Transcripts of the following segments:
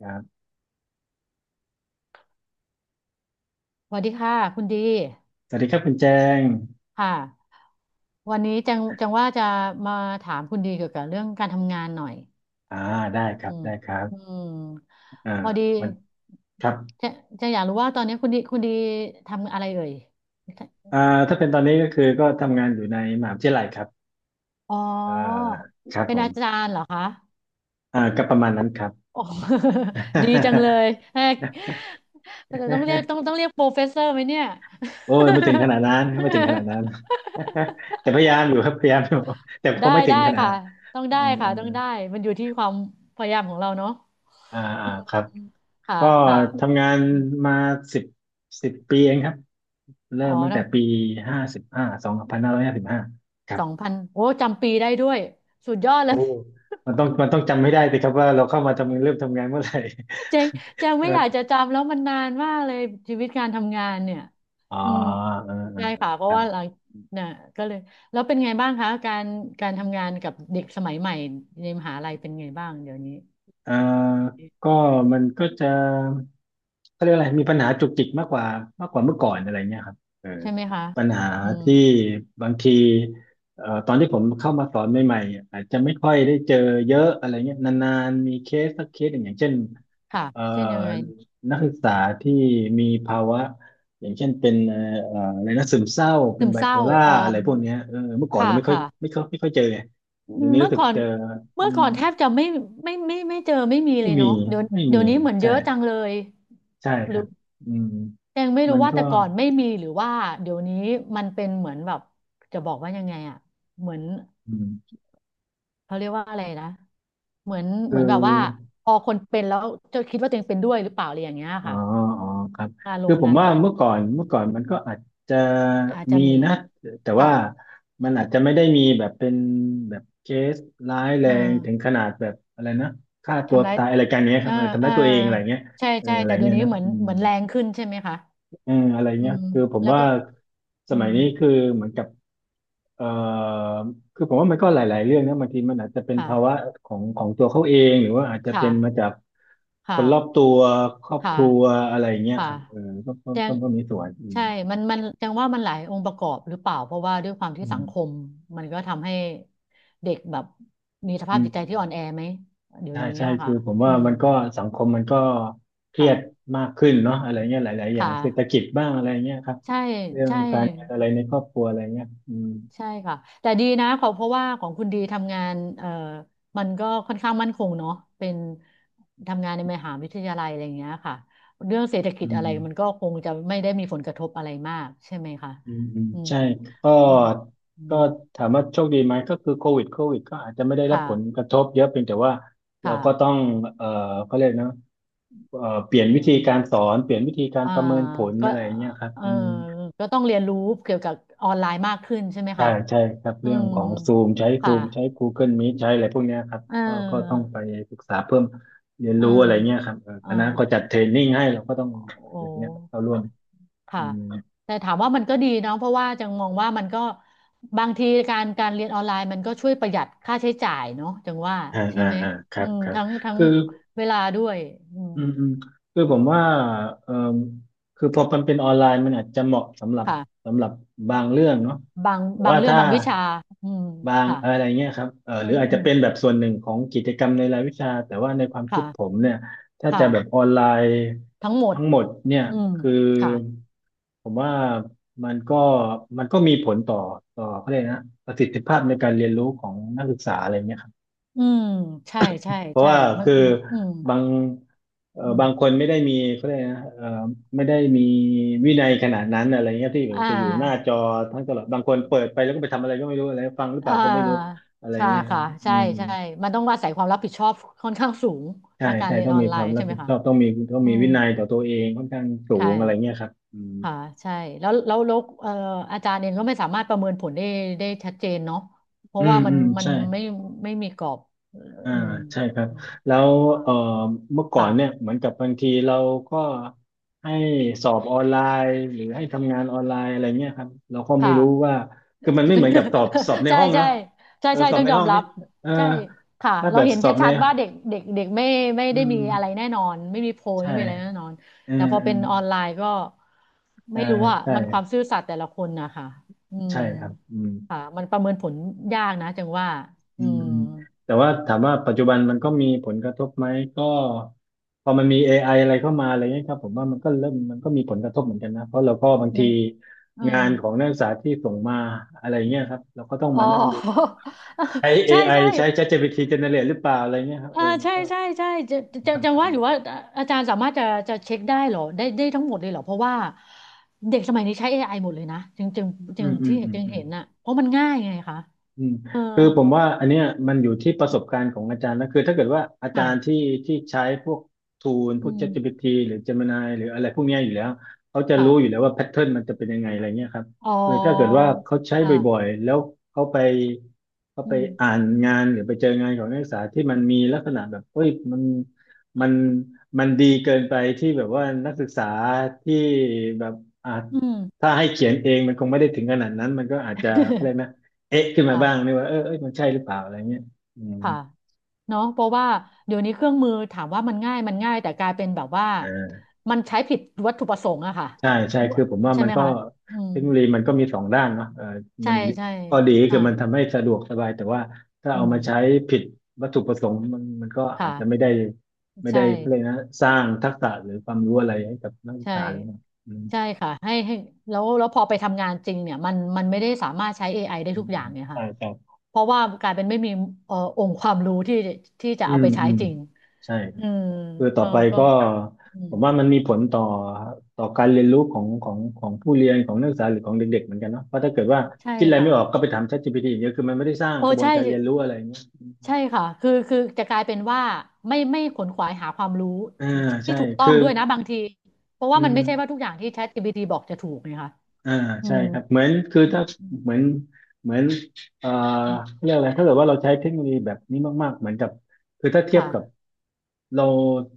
ครับสวัสดีค่ะคุณดีสวัสดีครับคุณแจงค่ะวันนี้จังว่าจะมาถามคุณดีเกี่ยวกับเรื่องการทำงานหน่อยอ่าได้ครัอืบมได้ครัอืบมอ่าพอดีวันครับจะจะอยากรู้ว่าตอนนี้คุณดีทำอะไรเอ่ยอ่าถ้าเป็นตอนนี้ก็คือก็ทำงานอยู่ในมหาวิทยาลัยครับอ๋อเอ่อครับเป็ผนอาจามรย์เหรอคะก็ประมาณนั้นครับ โอ้ ดีจังเลยแอกแต่ต้องเรียก ต้องเรียกโปรเฟสเซอร์ไหมเนี่ย โอ้ยไม่ถึงขนาดนั้นไม่ถึงขนาดนั้น แต่พยายามอยู่ครับพยายามอยู่แต่คได้งไม่ถึได้งขนาดค่ะนั้นต้องเออได้เอค่ะอต้องได้มันอยู่ที่ความพยายามของเราเนาะอ่าอ่าครับค่ะก็ค่ะทำงานมาสิบสิบปีเองครับเริ่อ๋อมตั้งทั้แต่งปีห้าสิบห้า2555 สองพันโอ้จำปีได้ด้วยสุดยอดเลโอ้ย มันต้องจำไม่ได้สิครับว่าเราเข้ามาทำงานเริ่มทำงานเมื่อไหร่ เจงเจงไม่อยากจะ จำแล้วมันนานมากเลยชีวิตการทำงานเนี่ยอ๋ออืมเออเออใช่เออค่ะเพคราะรัว่าหบ ลังน่ะก็เลยแล้วเป็นไงบ้างคะการทำงานกับเด็กสมัยใหม่ในมหาลัยเป็นไงบ้างเดี๋ยวนี้อ่าก็มันก็จะเขาเรียกอะไรมีปัญหาจุกจิกมากกว่ามากกว่าเมื่อก่อนอะไรเงี้ยครับเออใช่ไหมคะปัญหาอืมที่บางทีตอนที่ผมเข้ามาสอนใหม่ๆ อาจจะไม่ค่อยได้เจอเยอะอะไรเงี้ยนานๆมีเคสสักเคสหนึ่งอย่างเช่นค่ะเอ่อเช่นยังไงนักศึกษาที่มีภาวะอย่างเช่นเป็นอะไรนะซึมเศร้า เป็ซึนมไบเศโพร้าล่าอออะไรพวกเนี้ยอเออเมื่อก่อนค่ะเราไม่ค่อยค่ะ ไม่ค่อยไม่ค่อยเจอไงเดี๋ยวนี้เมื่รู้อสึกก่อนเจอ เมื่อก่อนแทบจะไม่เจอไม่มีเลไม่ยมีเนาะเดี๋ยวไม่เดี๋ยมีวนี้เหมือนเยใช่อะจังเลยใช่คหรืรัอบอืมยังไม่มัรู้นว่าก็แต่ก่อนไม่มีหรือว่าเดี๋ยวนี้มันเป็นเหมือนแบบจะบอกว่ายังไงอะเหมือนอืมเขาเรียกว่าอะไรนะเหมือนคืเหอมือนแบบว่าพอคนเป็นแล้วจะคิดว่าตัวเองเป็นด้วยหรือเปล่าอะไรอย่างเงี้ยอ๋อค่ะอ๋อครับอารคือมณ์ผมนั้นว่าไหมเมื่อก่อนอืเมื่อมก่อนมันก็อาจจะอาจจะมีมีนะแต่ค่ะว่ามันอาจจะไม่ได้มีแบบเป็นแบบเคสร้ายแรเองถึงอขนาดแบบอะไรนะฆ่าตัวทำร้ายตายอะไรกันเนี้ยคเอรัอบเออทำเออร้ายตัวเองอะไรเงี้ยใช่เออใช่อะไรแต่เดี๋ยเงี้วยนี้เนอะเหมือนอืม เหมือนแรงขึ้นใช่ไหมคะ เอออะไรอืเงี้ยมคือผมแล้วว่าก็สอืมัยมนี้คือเหมือนกับเอ่อคือผมว่ามันก็หลายๆเรื่องนะบางทีมันอาจจะเป็นภาวะค่ะของของตัวเขาเองหรือว่าอาจจะค่ะเป็นมาจากคค่ะนรอบตัวครอบคค่ะรัวอะไรเงี้ยค่ะครับเออก็ก็แจก็งก็มีส่วนอืมใช่มันแจงว่ามันหลายองค์ประกอบหรือเปล่าเพราะว่าด้วยความที่อืสังคมมมันก็ทำให้เด็กแบบมีสภาพอืจิตใจที่มอ่อนแอไหมเดี๋ยใช่วนี้ใช่อะคืค่ะอผมอืว่ามมันก็สังคมมันก็เครีค่ะยดมากขึ้นเนาะอะไรเงี้ยหลายๆอคย่างเศรษฐ่ะกิจบ้างอะไรเงี้ยครับใช่เรื่องใช่ การเงินอะไรในครอบครัวอะไรเงี้ยอืมใช่ค่ะแต่ดีนะขอเพราะว่าของคุณดีทำงานมันก็ค่อนข้างมั่นคงเนาะเป็นทำงานในมหาวิทยาลัยอะไรอย่างเงี้ยค่ะเรื่องเศรษฐกิอืจอะไรมันม ก็คงจะไม่ได้มีผลกระทบอะไรมากใช่ไหมคะอืมอืมอืมใช่ก็อืมอืก็มถามว่าโชคดีไหมก็คือโควิดก็อาจจะไม่ได้รับผลค่ะกระทบเยอะเพียงแต่ว่าเราก็ค่ะต้องเอ่อเขาเรียกนะเปลี่ยนอืวิธีมการสอนเปลี่ยนวิธีการอ่าประเมินผลก็อะไรเงี้ยครับเอออืมก็ต้องเรียนรู้เกี่ยวกับออนไลน์มากขึ้นใช่ไหมใช่คะใช่ครับอืเรื่องมของซูมใช้ซูค่ะมใช้ Google Meet ใช้อะไรพวกเนี้ยครับเก็ต้องออไปศึกษาเพิ่มเรียนเออรู้อะไรเงี้ยครับเออเออคณะก็จัดเทรนนิ่งให้เราก็ต้องอะโอ้ ไรเงี้ยครับเข้าร่วมอืค่ะมแต่ถามว่ามันก็ดีเนาะเพราะว่าจังมองว่ามันก็บางทีการเรียนออนไลน์มันก็ช่วยประหยัดค่าใช้จ่ายเนาะจังว่าอ่าใช่อ่าไหมอ่าครัอืบมครับทั้งคือ เวลาด้วยอืมอืมอืมคือผมว่าเอ่อคือพอมันเป็นออนไลน์มันอาจจะเหมาะสำหรับค่ะสำหรับบางเรื่องเนาะบางแต่บางว่าเรื่องถ้าบางวิชาอืมบางค่ะอะไรเงี้ยครับอืหรือมอาจอืจะมเป็นแบบส่วนหนึ่งของกิจกรรมในรายวิชาแต่ว่าในความคิค่ะดผมเนี่ยถ้าจะค่ะแบบออนไลน์ทั้งหมดทั้งหมดเนี่ยอืมคือค่ะผมว่ามันก็มันก็มีผลต่อต่อเขาเรียกนะประสิทธิภาพในการเรียนรู้ของนักศึกษาอะไรเงี้ยครับ อืมใช่ใช่เพราะใช่ว่ามันคืออืมบางอืมบางคนไม่ได้มีเขาเรียกนะไม่ได้มีวินัยขนาดนั้นอะไรเงี้ยที่แบบอ่จะอยู่หน้าา จอทั้งตลอดบางคนเปิดไปแล้วก็ไปทำอะไรก็ไม่รู้อะไรฟังหรือเปอ่ล่าก็ไม่รู้าอะไรใช่เงี้ยค่ะอืใช่มใช่มันต้องอาศัยความรับผิดชอบค่อนข้างสูงใช่ถ้าการใช่เรียนต้องออมีนไลความน์รัใช่บไหมผิดชคะอบต้องมีต้องอืมีมวินัยต่อตัวเองค่อนข้างสูใช่งอะไรอะเงี้ยครับอืมค่ะใช่แล้วอาจารย์เองก็ไม่สามารถประเมินผลได้ชัดเจนเนาะเพอืราะมว่ามัอืนมมันใช่ ไม่มีกรอบอ่าอืมใช่ครับอืมแล้วค่ะเอ่อเมื่อก่อนเนี่ยเหมือนกับบางทีเราก็ให้สอบออนไลน์หรือให้ทำงานออนไลน์อะไรเงี้ยครับเราก็ไม่ค่ะ รู้ว่าคือมันไม่เหมือนกับสอบใน ใช่ห้องใช่เนาะใช่เออใช่สอบต้องในยอห้มองรันี่บเออใช่ค่ะถ้าเราแบบเห็นสอบในชัดๆว่าเด็กเด็กเด็กไม่อืได้มมีอะไรแน่นอนไม่มีโพยใช่ไม่มีอะไรแน่นอนเออแต่พอเออเป็นออนไลน์ก็เออไม่รู้อ่ะใช่มันความซื่อสัตย์แต่ละคนนะคะอืมใช่ครับอืม ค่ะมันประเมินผลยากนะจังว่าอือืมมอืมแต่ว่าถามว่าปัจจุบันมันก็มีผลกระทบไหมก็พอมันมี AI อะไรเข้ามาอะไรเงี้ยครับผมว่ามันก็เริ่มมันก็มีผลกระทบเหมือนกันนะเพราะเราก็บางทียังเอองานของนักศึกษาที่ส่งมาอะไรเงี้ยครับเราก็ต้องอ๋มาอ นั่งดูว่าใช้ ใช่ AI ใช่ ใช้ ChatGPT generate หรือเปล่าอะไรเงี้ยครับเออมันใช่ก็ใช่ใช่จะว่าอยู่ว่าอาจารย์สามารถจะเช็คได้เหรอได้ทั้งหมดเลยเหรอเพราะว่าเด็กสมัยนี้ใช้ AI หมดเลยนะจึงจึงอืจึงมอืมที่อืมจึงอืม เห็นน่ะเพราะมันง่ายไงคะอืมเออคือผมว่าอันเนี้ยมันอยู่ที่ประสบการณ์ของอาจารย์นะคือถ้าเกิดว่าอาจารย์ที่ค่ะที่ใช้พวกทูลพอืวก ม ChatGPT หรือ Gemini หรืออะไรพวกเนี้ยอยู่แล้วเขาจะค่ะรู้อยู่แล้วว่าแพทเทิร์นมันจะเป็นยังไงอะไรเงี้ยครับอ๋อคือถ้าเกิดว่าเขาใช้บ่อยค่ะๆแล้วเขาไปเขาอืไปอ่ามนงานหรือไปเจองานของนักศึกษาที่มันมีลักษณะแบบเอ้ยมันมันดีเกินไปที่แบบว่านักศึกษาที่แบบอ่าอืม ถ้าให้เขียนเองมันคงไม่ได้ถึงขนาดนั้นมันก็อาจจะ อะไรนะ เอ๊ะขึ้นมาบ้างค่ะนี่ว่าเออเอ้ยมันใช่หรือเปล่าอะไรเงี้ยอืมค่ะเนาะเพราะว่าเดี๋ยวนี้เครื่องมือถามว่ามันง่ายมันง่ายแต่กลายเป็นแบบว่าเออมันใช้ผิดวัตถุประสงค์อะค่ะใช่ใช่คือผมว่าใช่มันไหมก็คะอืมเทคโนโลยีมันก็มีสองด้านเนาะเออมัใช่นใช่ข้อดีคือ่าอมันทำให้สะดวกสบายแต่ว่าถ้าอืเอามาใช้ม ผิดวัตถุประสงค์มันก็อาจค่ะจะไม่ได้ใช่เขาเลยกนะสร้างทักษะหรือความรู้อะไรให้กับนักศึกใช่ษาหรือเปล่าอืใช่มค่ะให้แล้วแล้วพอไปทำงานจริงเนี่ยมันไม่ได้สามารถใช้ AIได้อืทุมกออืย่างมเนี่ยใช่ค่ะใช่เพราะว่ากลายเป็นไม่มีองค์ความรู้ที่จะอืเอามไปใช้อืมจริงใช่ อืมคือต่อก็ไปก็ก็อืมผมว่ามันมีผลต่อต่อการเรียนรู้ของผู้เรียนของนักศึกษาหรือของเด็กๆเหมือนกันเนาะเพราะถ้าเกิดว่าใช่คิดอะไรค่ะไม่ออกก็ไปถาม ChatGPT อย่างเดียวคือมันไม่ได้สร้างโอ้กระบวนใช่การเรียนรู้อะไรอย่างเงี้ยใช่ค่ะคือจะกลายเป็นว่าไม่ขนขวายหาความรู้อ่าที่ใช่ถูกต้อคืงอด้วยนะบางทีเพราะอืว่ามันมไม่ใช่ว่าทุกอย่างที่ ChatGPT บอกจะถูกไงคะอ่าอืใช่มครับเหมือนคืออืถ้ามอืมเหมือนเหมือนเอ่ออืมเรียกอะไรถ้าเกิดว่าเราใช้เทคโนโลยีแบบนี้มากๆเหมือนกับคือถ้าเทียบค่ะกับ เรา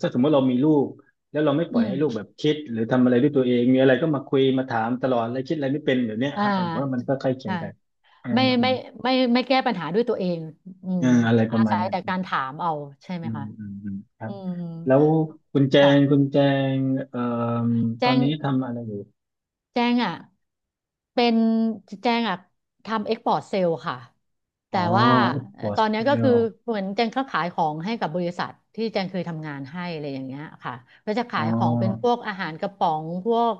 ถ้าสมมติเรามีลูกแล้วเราไม่ปอืล่อยม ให้ลูกแบบคิดหรือทำอะไรด้วยตัวเองมีอะไรก็มาคุยมาถามตลอดอะไรคิดอะไรไม่เป็นแบบเนี้ยอ่ครับผมว่ามันาก็ใกล้เคียใช่งกันอืมไม่อืไม่มไม่แก้ปัญหาด้วยตัวเองอืมอืมอะไรปอาระมาณศัยเนี้ยแต่การถามเอาใช่ไหมอืมคะอืมอืมครัอืบมแล้วคุณแจงคุค่ะณแจงเอ่อตอแจ้นง นี้ทำอะไรอยู่แจ้งอ่ะเป็นแจ้งอ่ะทำเอ็กพอร์ตเซลค่ะอ๋แต่อว่าเอ็กซ์พอร์ตตอนเซเนี้ยก็คือลเหมือนแจงก็ขายของให้กับบริษัทที่แจงเคยทำงานให้อะไรอย่างเงี้ยค่ะก็จะอ๋ขายของเป็นพอวกอาหารกระป๋องพวก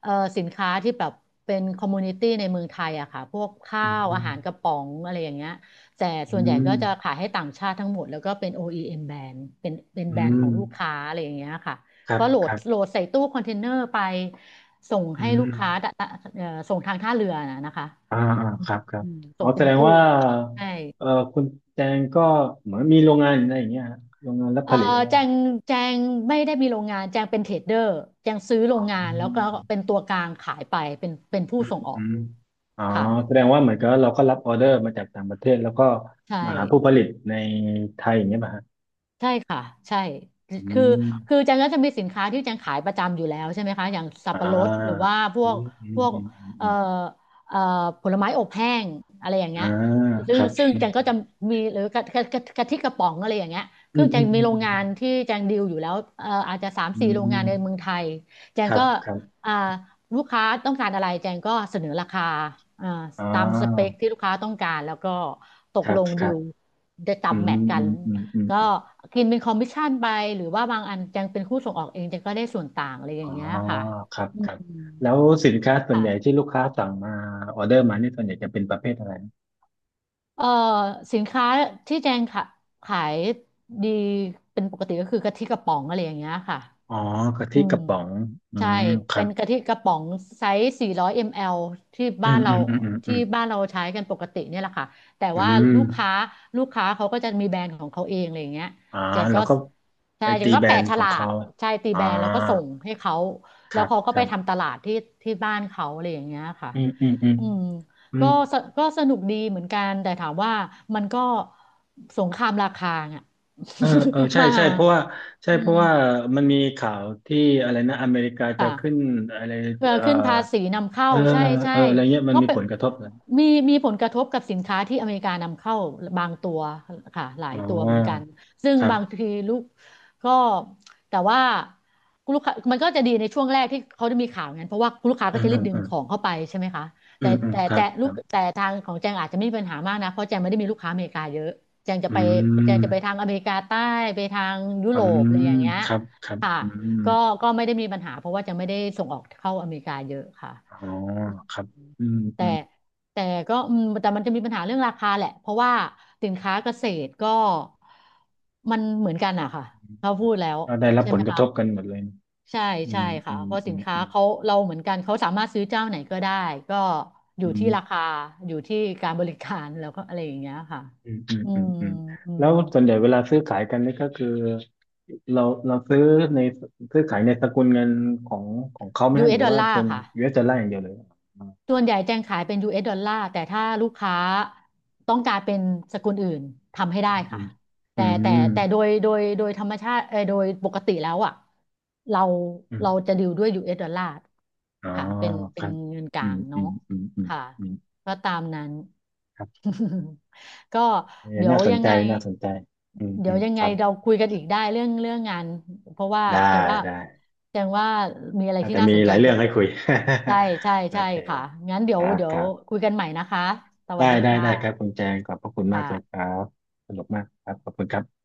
เอ่อสินค้าที่แบบเป็นคอมมูนิตี้ในเมืองไทยอะค่ะพวกข้าอืวอามหารกระป๋องอะไรอย่างเงี้ยแต่อืส่วนใหญ่มก็จะขายให้ต่างชาติทั้งหมดแล้วก็เป็น OEM แบรนด์เป็นอืแบรนด์ขอมงลูกค้าอะไรอย่างเงี้ยค่ะ ครับก็โหลคดรัโหลบดใส่ตู้คอนเทนเนอร์ไปส่งอืให้ลูม กค้าดะส่งทางท่าเรือนะคะอ่าอ่าครับครับอืมอ๋ส่องเป็แสนดงตู้ว่าใช่เอ่อคุณแจงก็เหมือนมีโรงงานอะไรอย่างเงี้ยฮะโรงงานรับผเอ่อลิตอะไรอแจย่างี้งแจงไม่ได้มีโรงงานแจงเป็นเทรดเดอร์แจงซื้อโรอ๋งงาอนแล้วก็เป็นตัวกลางขายไปเป็นผู้อืมส่งอออืกมอ๋อค่ะแสดงว่าเหมือนกับเราก็รับออเดอร์มาจากต่างประเทศแล้วก็ใช่ มาหาผู้ผลิตในไทยอย่างเงี้ยป่ะฮะใช่ค่ะใช่อืคือมคือจันก็จะมีสินค้าที่จันขายประจำอยู่แล้วใช่ไหมคะอย่างสับอ่ปะรดหรือาว่าพอืวกมอืพมวกอืมอืมเอ่อือมเอ่อผลไม้อบแห้งอะไรอย่างเงี้อ่ายคซึ่งรับซึ่งจันก็จะมีหรือกะทิกระป๋องอะไรอย่างเงี้ยอืคือมจัอืนมอืมีมโรอืงงานที่จันดีลอยู่แล้วอาจจะสามมอืสี่โรงงามนในเมืองไทยจัคนรับก็ครับอ่าลูกค้าต้องการอะไรจันก็เสนอราคาอ่าอ่ตามสเปคาที่ลูกค้าต้องการแล้วก็ตคกรัลบงคดีรับลได้ตาอืมแมทมกัอืน มอืมอืม ก็กินเป็นคอมมิชชั่นไปหรือว่าบางอันจังเป็นผู้ส่งออกเองจังก็ได้ส่วนต่างอะไรออ๋อย่างเงี้ยค่ะครับอืครับ มแล้วสินค้าส่วนใหญ่ค่ะที่ลูกค้าสั่งมาออเดอร์มานี่ส่วนใหญ่จะเป็นประเภทอะไรนะเอ่อสินค้าที่แจงขายดีเป็นปกติก็คือกะทิกระป๋องอะไรอย่างเงี้ยค่ะ อ๋อกะอืทิกมระป๋อง อืใช่มครัเป็บนกะทิกระป๋องไซส์ 400 ml ที่อืบ้านมเราอืมอืมอืมอืที่มบ้านเราใช้กันปกติเนี่ยแหละค่ะแต่อืว่ามลูกค้าลูกค้าเขาก็จะมีแบรนด์ของเขาเองอะไรอย่างเงี้ยอ๋อเจนแล้ก็วก็ไปใช่เจตีนก็แบรแปะนด์ฉของลาเขากใช่ตีอ๋อแบรนด์แล้วก็ส่งให้เขาคแล้วรับเขาก็คไปรับทำตลาดที่ที่บ้านเขาอะไรอย่างเงี้ยค่ะอืมอืมอืมอืมอืก็มสนุกดีเหมือนกันแต่ถามว่ามันก็สงครามราคาอ่ะ เออเออ ใช่มาใช่ เพราะว่าใช่อืเพราะมว่ามันมีข่าวที่อะไรนะอเมริกาจะค่ะ ขึ้นอะไรเออเออขึ้นภาษีนำเข้าเออใช่ใช่เอออะไรเงี้ยมันก็มีเป็นผลกระทบนะมีมีผลกระทบกับสินค้าที่อเมริกานำเข้าบางตัวค่ะหลายอ๋ตัวเหมือนกันอซึ่งครับางบทีลูกก็แต่ว่าลูกค้ามันก็จะดีในช่วงแรกที่เขาจะมีข่าวงั้นเพราะว่าลูกค้าอืก็มจะรีบดึอืงม ของเข้าไปใช่ไหมคะอืแต่มอืมแต่ครัแต่บคลูรักบแต่ทางของแจงอาจจะไม่มีปัญหามากนะเพราะแจงไม่ได้มีลูกค้าอเมริกาเยอะแจงจะอืไปแจงจะไปทามงอเมริกาใต้ไปทางยุอืโรปอะไรมอย่างเงี้ยครับครับค่ะ อืมก็ก็ไม่ได้มีปัญหาเพราะว่าจะไม่ได้ส่งออกเข้าอเมริกาเยอะค่ะอ๋อครับอืมอืแต่มแต่ก็อืมแต่มันจะมีปัญหาเรื่องราคาแหละเพราะว่าสินค้าเกษตรก็มันเหมือนกันอะค่ะเขาพูดแล้วก็ได้รับใช่ผไหมลกระคะทบกันหมดเลยใช่อืใช่มอืค่ะมเพราะอืสินมค้าอืมเขาเราเหมือนกันเขาสามารถซื้อเจ้าไหนก็ได้ก็อยู่อืที่รามคาอยู่ที่การบริการแล้วก็อะไรอย่างเงี้ยค่ะอืมอืมอือืมมอืมอืแล้มวส่วนใหญ่เวลาซื้อขายกันนี่ก็คือเราเราซื้อในซื้อขายในสกุลเงินของของเขาไหมยูฮะเอหสรือดอลว่าลาเป็ร์นค่ะ ยูเ s ดอลลาร์อย่างเดียวเลยอ๋อส่วนใหญ่แจงขายเป็น US ดอลลาร์แต่ถ้าลูกค้าต้องการเป็นสกุลอื่นทำให้อืได้ค่ะมอืแต่มแต่อืมแต่โดยธรรมชาติเออโดยปกติแล้วอ่ะเราอืเรามจะดิวด้วย US ดอลลาร์อ๋อค่ะเป็นคเป็รันบเงินกอืลามงอืเนาะมอืมอืมค่ะอืมก็ตามนั้น ครับ ก็เออเดี๋ยวน่าสนยังใจไงน่าสนใจอืมเดี๋อืยวมยังคไงรับ เราคุยกันอีกได้เรื่องเรื่องงานเพราะว่าได้จังว่าได้จังว่ามีอะไรน่าที่จะน่ามีสนหใจลายเยเรื่องอะให้เลยคุย ใช่ใช่ โอใช่เคค่ะงั้นเดี๋คยวรับเดี๋ยควรับคุยกันใหม่นะคะสได้วัสดีได้คได้ครับคุ่ะณแจงขอบพระคุณมากเลยคค่ะรับสนุกมากครับขอบคุณครับ